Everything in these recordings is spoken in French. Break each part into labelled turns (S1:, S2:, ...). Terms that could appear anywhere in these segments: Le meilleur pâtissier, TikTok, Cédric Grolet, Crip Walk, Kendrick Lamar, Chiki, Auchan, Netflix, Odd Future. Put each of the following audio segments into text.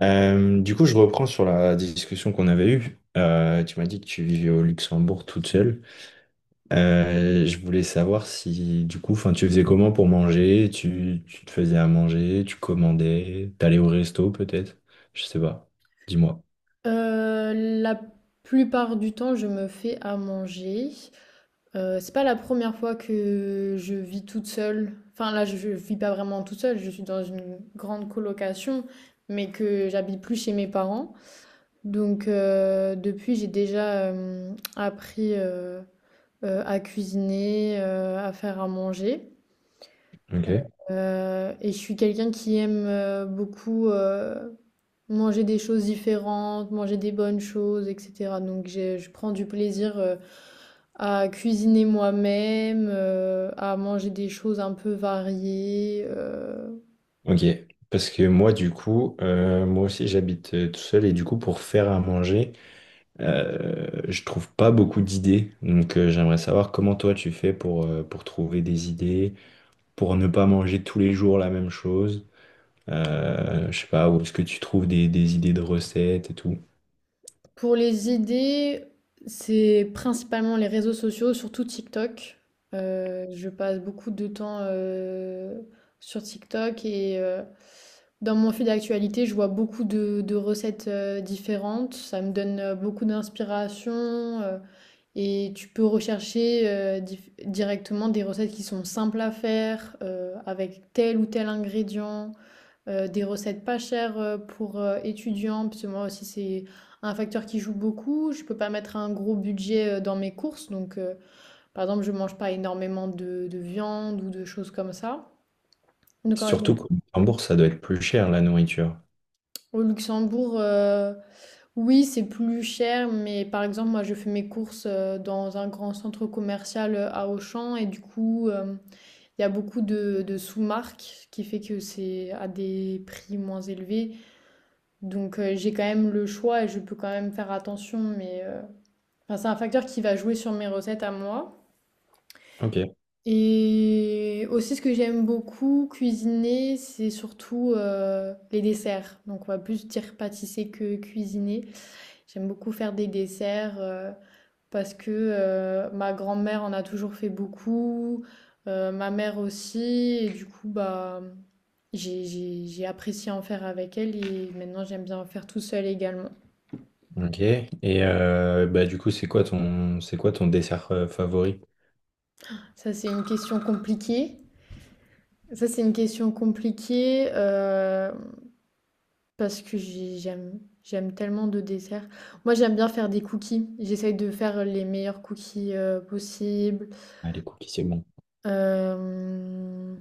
S1: Je reprends sur la discussion qu'on avait eue. Tu m'as dit que tu vivais au Luxembourg toute seule. Je voulais savoir si, enfin, tu faisais comment pour manger? Tu te faisais à manger, tu commandais, t'allais au resto peut-être? Je sais pas. Dis-moi.
S2: Euh, la plupart du temps, je me fais à manger. C'est pas la première fois que je vis toute seule. Enfin, là, je vis pas vraiment toute seule. Je suis dans une grande colocation, mais que j'habite plus chez mes parents. Donc, depuis, j'ai déjà appris à cuisiner, à faire à manger.
S1: Ok.
S2: Et je suis quelqu'un qui aime beaucoup manger des choses différentes, manger des bonnes choses, etc. Donc je prends du plaisir à cuisiner moi-même, à manger des choses un peu variées.
S1: Ok. Parce que moi, du coup, moi aussi, j'habite tout seul et du coup, pour faire à manger, je trouve pas beaucoup d'idées. Donc, j'aimerais savoir comment toi tu fais pour trouver des idées, pour ne pas manger tous les jours la même chose. Je sais pas, où est-ce que tu trouves des idées de recettes et tout.
S2: Pour les idées, c'est principalement les réseaux sociaux, surtout TikTok. Je passe beaucoup de temps sur TikTok et dans mon fil d'actualité, je vois beaucoup de recettes différentes. Ça me donne beaucoup d'inspiration. euh, Et tu peux rechercher directement des recettes qui sont simples à faire, avec tel ou tel ingrédient, des recettes pas chères pour étudiants, parce que moi aussi c'est un facteur qui joue beaucoup. Je peux pas mettre un gros budget dans mes courses, donc par exemple je mange pas énormément de viande ou de choses comme ça. Donc en général,
S1: Surtout qu'en bourse, ça doit être plus cher la nourriture.
S2: au Luxembourg, oui c'est plus cher, mais par exemple moi je fais mes courses dans un grand centre commercial à Auchan et du coup. Il y a beaucoup de sous-marques, ce qui fait que c'est à des prix moins élevés. Donc j'ai quand même le choix et je peux quand même faire attention, mais enfin, c'est un facteur qui va jouer sur mes recettes à moi.
S1: Ok,
S2: Et aussi ce que j'aime beaucoup cuisiner, c'est surtout les desserts. Donc on va plus dire pâtisser que cuisiner. J'aime beaucoup faire des desserts. Parce que ma grand-mère en a toujours fait beaucoup, ma mère aussi, et du coup, bah, j'ai apprécié en faire avec elle et maintenant j'aime bien en faire tout seul également.
S1: ok. Et c'est quoi ton dessert favori?
S2: Ça, c'est une question compliquée. Ça, c'est une question compliquée parce que j'aime tellement de desserts. Moi, j'aime bien faire des cookies. J'essaye de faire les meilleurs cookies possibles.
S1: Ah, les cookies, c'est bon.
S2: Euh,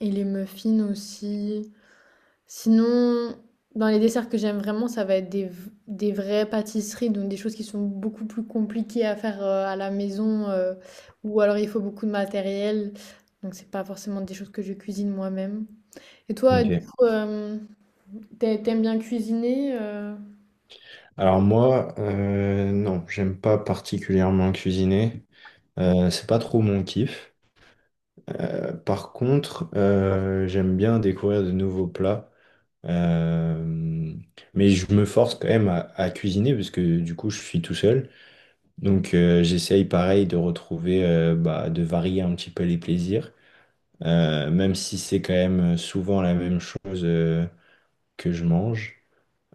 S2: et les muffins aussi. Sinon, dans les desserts que j'aime vraiment, ça va être des vraies pâtisseries, donc des choses qui sont beaucoup plus compliquées à faire à la maison, ou alors il faut beaucoup de matériel. Donc c'est pas forcément des choses que je cuisine moi-même. Et toi, du
S1: Ok.
S2: coup, t'aimes bien cuisiner?
S1: Alors moi, non, j'aime pas particulièrement cuisiner. C'est pas trop mon kiff. Par contre, j'aime bien découvrir de nouveaux plats. Euh, mais je me force quand même à cuisiner parce que du coup je suis tout seul. Donc j'essaye pareil de retrouver, bah, de varier un petit peu les plaisirs. Même si c'est quand même souvent la même chose que je mange.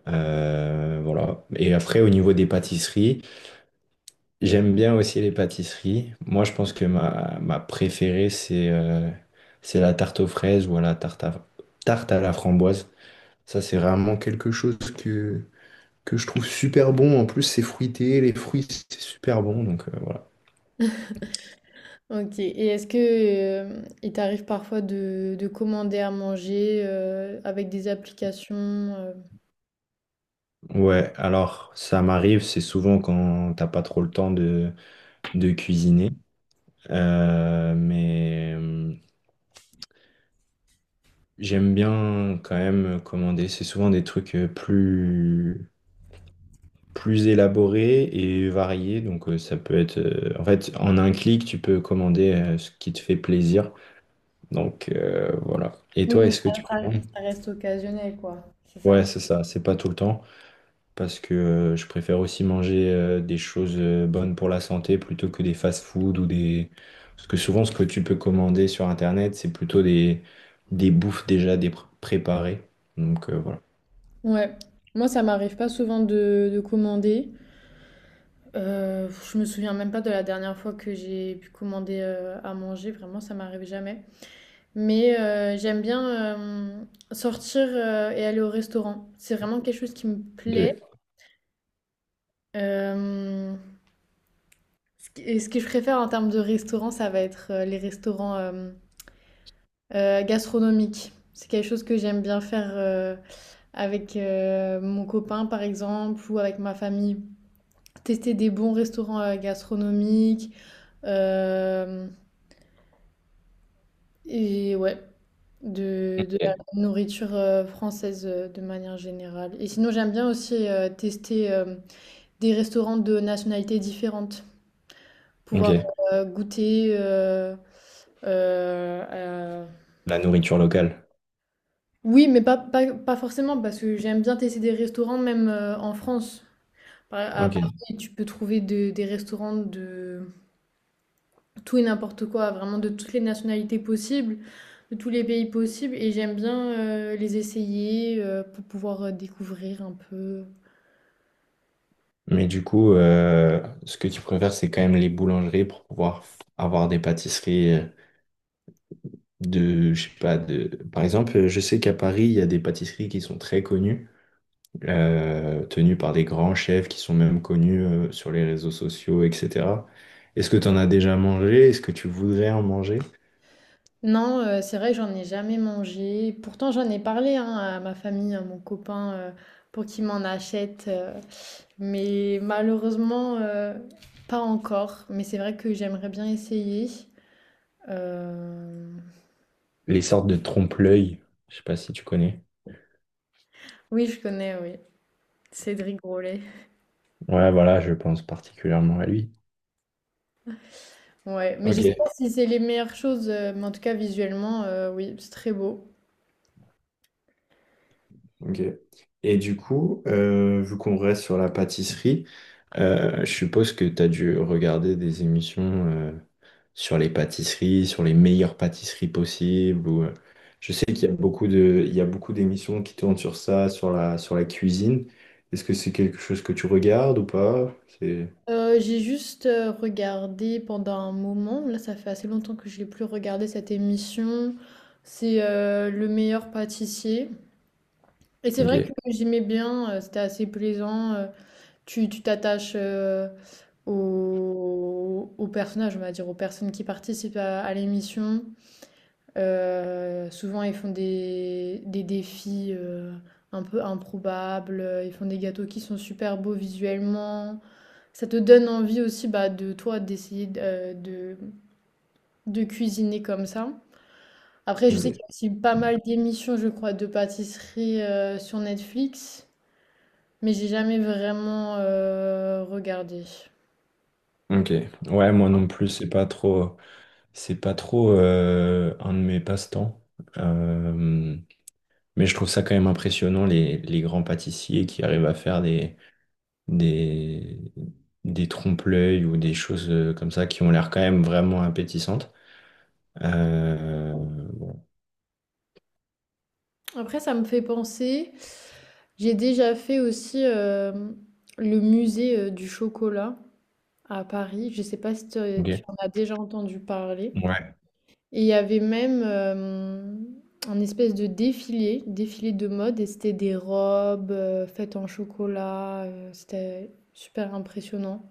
S1: Voilà. Et après au niveau des pâtisseries, j'aime bien aussi les pâtisseries. Moi je pense que ma préférée c'est la tarte aux fraises ou à la tarte à, tarte à la framboise. Ça c'est vraiment quelque chose que je trouve super bon. En plus, c'est fruité, les fruits, c'est super bon. Donc voilà.
S2: Ok. Et est-ce que il t'arrive parfois de commander à manger avec des applications
S1: Ouais, alors ça m'arrive, c'est souvent quand t'as pas trop le temps de cuisiner. Mais j'aime bien quand même commander. C'est souvent des trucs plus, plus élaborés et variés. Donc ça peut être. En fait, en un clic, tu peux commander ce qui te fait plaisir. Donc voilà. Et
S2: oui,
S1: toi,
S2: mais
S1: est-ce que
S2: ça,
S1: tu commandes?
S2: ça reste occasionnel, quoi. C'est ça?
S1: Ouais, c'est ça, c'est pas tout le temps, parce que je préfère aussi manger des choses bonnes pour la santé plutôt que des fast-food ou des... Parce que souvent, ce que tu peux commander sur Internet, c'est plutôt des bouffes déjà préparées. Donc voilà.
S2: Ouais, moi ça m'arrive pas souvent de commander. Je me souviens même pas de la dernière fois que j'ai pu commander à manger, vraiment ça m'arrive jamais. Mais j'aime bien euh, sortir et aller au restaurant. C'est vraiment quelque chose qui me
S1: Ok.
S2: plaît. Euh, ce et ce que je préfère en termes de restaurant, ça va être les restaurants gastronomiques. C'est quelque chose que j'aime bien faire avec mon copain par exemple ou avec ma famille. Tester des bons restaurants gastronomiques euh, et ouais, de la
S1: Ok.
S2: nourriture française de manière générale. Et sinon, j'aime bien aussi tester des restaurants de nationalités différentes,
S1: Ok.
S2: pouvoir goûter. euh, euh,
S1: La nourriture locale.
S2: Oui, mais pas forcément, parce que j'aime bien tester des restaurants même en France. À
S1: Ok.
S2: Paris, tu peux trouver des restaurants de tout et n'importe quoi, vraiment de toutes les nationalités possibles, de tous les pays possibles et j'aime bien les essayer pour pouvoir découvrir un peu.
S1: Mais du coup, ce que tu préfères, c'est quand même les boulangeries pour pouvoir avoir des pâtisseries de, je sais pas, de... Par exemple, je sais qu'à Paris, il y a des pâtisseries qui sont très connues, tenus par des grands chefs qui sont même connus sur les réseaux sociaux, etc. Est-ce que tu en as déjà mangé? Est-ce que tu voudrais en manger?
S2: Non, c'est vrai que j'en ai jamais mangé. Pourtant, j'en ai parlé hein, à ma famille, à mon copain, pour qu'il m'en achète. Mais malheureusement, pas encore. Mais c'est vrai que j'aimerais bien essayer. Euh,
S1: Les sortes de trompe-l'œil, je sais pas si tu connais.
S2: Oui, je connais, oui. Cédric Grolet.
S1: Ouais, voilà, je pense particulièrement à lui.
S2: Ouais, mais je sais pas
S1: Ok.
S2: si c'est les meilleures choses, mais en tout cas, visuellement, oui, c'est très beau.
S1: Ok. Et du coup, vu qu'on reste sur la pâtisserie, je suppose que tu as dû regarder des émissions euh, sur les pâtisseries, sur les meilleures pâtisseries possibles. Ou, je sais qu'il y a beaucoup de, il y a beaucoup d'émissions qui tournent sur ça, sur la cuisine. Est-ce que c'est quelque chose que tu regardes ou pas? C'est...
S2: J'ai juste regardé pendant un moment, là ça fait assez longtemps que je n'ai plus regardé cette émission, c'est Le Meilleur Pâtissier. Et c'est vrai que
S1: Ok.
S2: j'aimais bien, c'était assez plaisant, tu t'attaches aux personnages, on va dire, aux personnes qui participent à l'émission. Souvent ils font des défis un peu improbables, ils font des gâteaux qui sont super beaux visuellement. Ça te donne envie aussi bah, de toi de cuisiner comme ça. Après, je sais qu'il
S1: Ok.
S2: y a aussi pas mal d'émissions, je crois, de pâtisserie sur Netflix, mais j'ai jamais vraiment regardé.
S1: Ok. Ouais, moi non plus, c'est pas trop un de mes passe-temps. Euh, Mais je trouve ça quand même impressionnant, les grands pâtissiers qui arrivent à faire des, des trompe-l'œil ou des choses comme ça qui ont l'air quand même vraiment appétissantes. Euh,
S2: Après, ça me fait penser, j'ai déjà fait aussi le musée du chocolat à Paris. Je sais pas si tu
S1: ok.
S2: en as déjà entendu parler.
S1: Ouais.
S2: Et il y avait même un espèce de défilé de mode et c'était des robes, faites en chocolat, c'était super impressionnant.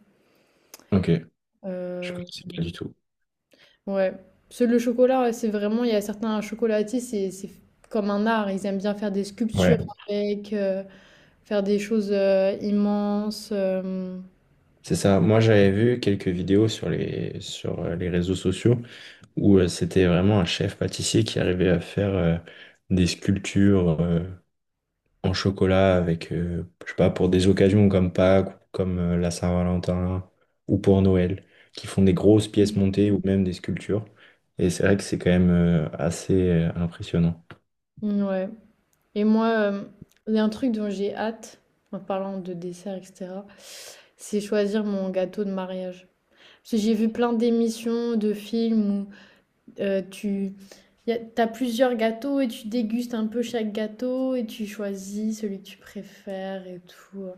S1: Ok. Je
S2: Heu,
S1: connaissais pas du tout.
S2: ouais. Parce que le chocolat, ouais, c'est vraiment il y a certains chocolatiers, c'est comme un art, ils aiment bien faire des sculptures
S1: Ouais.
S2: avec, faire des choses, immenses,
S1: C'est ça. Moi, j'avais vu quelques vidéos sur les réseaux sociaux où c'était vraiment un chef pâtissier qui arrivait à faire des sculptures en chocolat avec, je sais pas, pour des occasions comme Pâques, ou comme la Saint-Valentin ou pour Noël, qui font des grosses pièces montées ou même des sculptures. Et c'est vrai que c'est quand même assez impressionnant.
S2: mmh, ouais. Et moi, il y a un truc dont j'ai hâte, en parlant de dessert et cetera, c'est choisir mon gâteau de mariage. Parce que j'ai vu plein d'émissions, de films où tu t'as plusieurs gâteaux et tu dégustes un peu chaque gâteau et tu choisis celui que tu préfères et tout.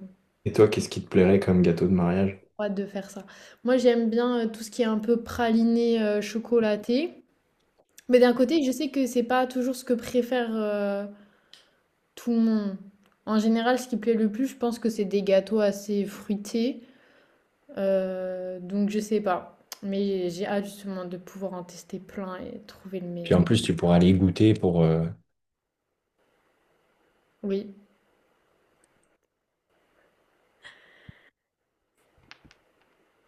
S1: Et toi, qu'est-ce qui te plairait comme gâteau de mariage?
S2: Trop hâte de faire ça. Moi, j'aime bien tout ce qui est un peu praliné chocolaté. Mais d'un côté, je sais que c'est pas toujours ce que préfère tout le monde. En général, ce qui plaît le plus, je pense que c'est des gâteaux assez fruités. Donc, je sais pas. Mais j'ai hâte justement de pouvoir en tester plein et trouver le
S1: Puis
S2: meilleur.
S1: en plus, tu pourras aller goûter pour,
S2: Oui.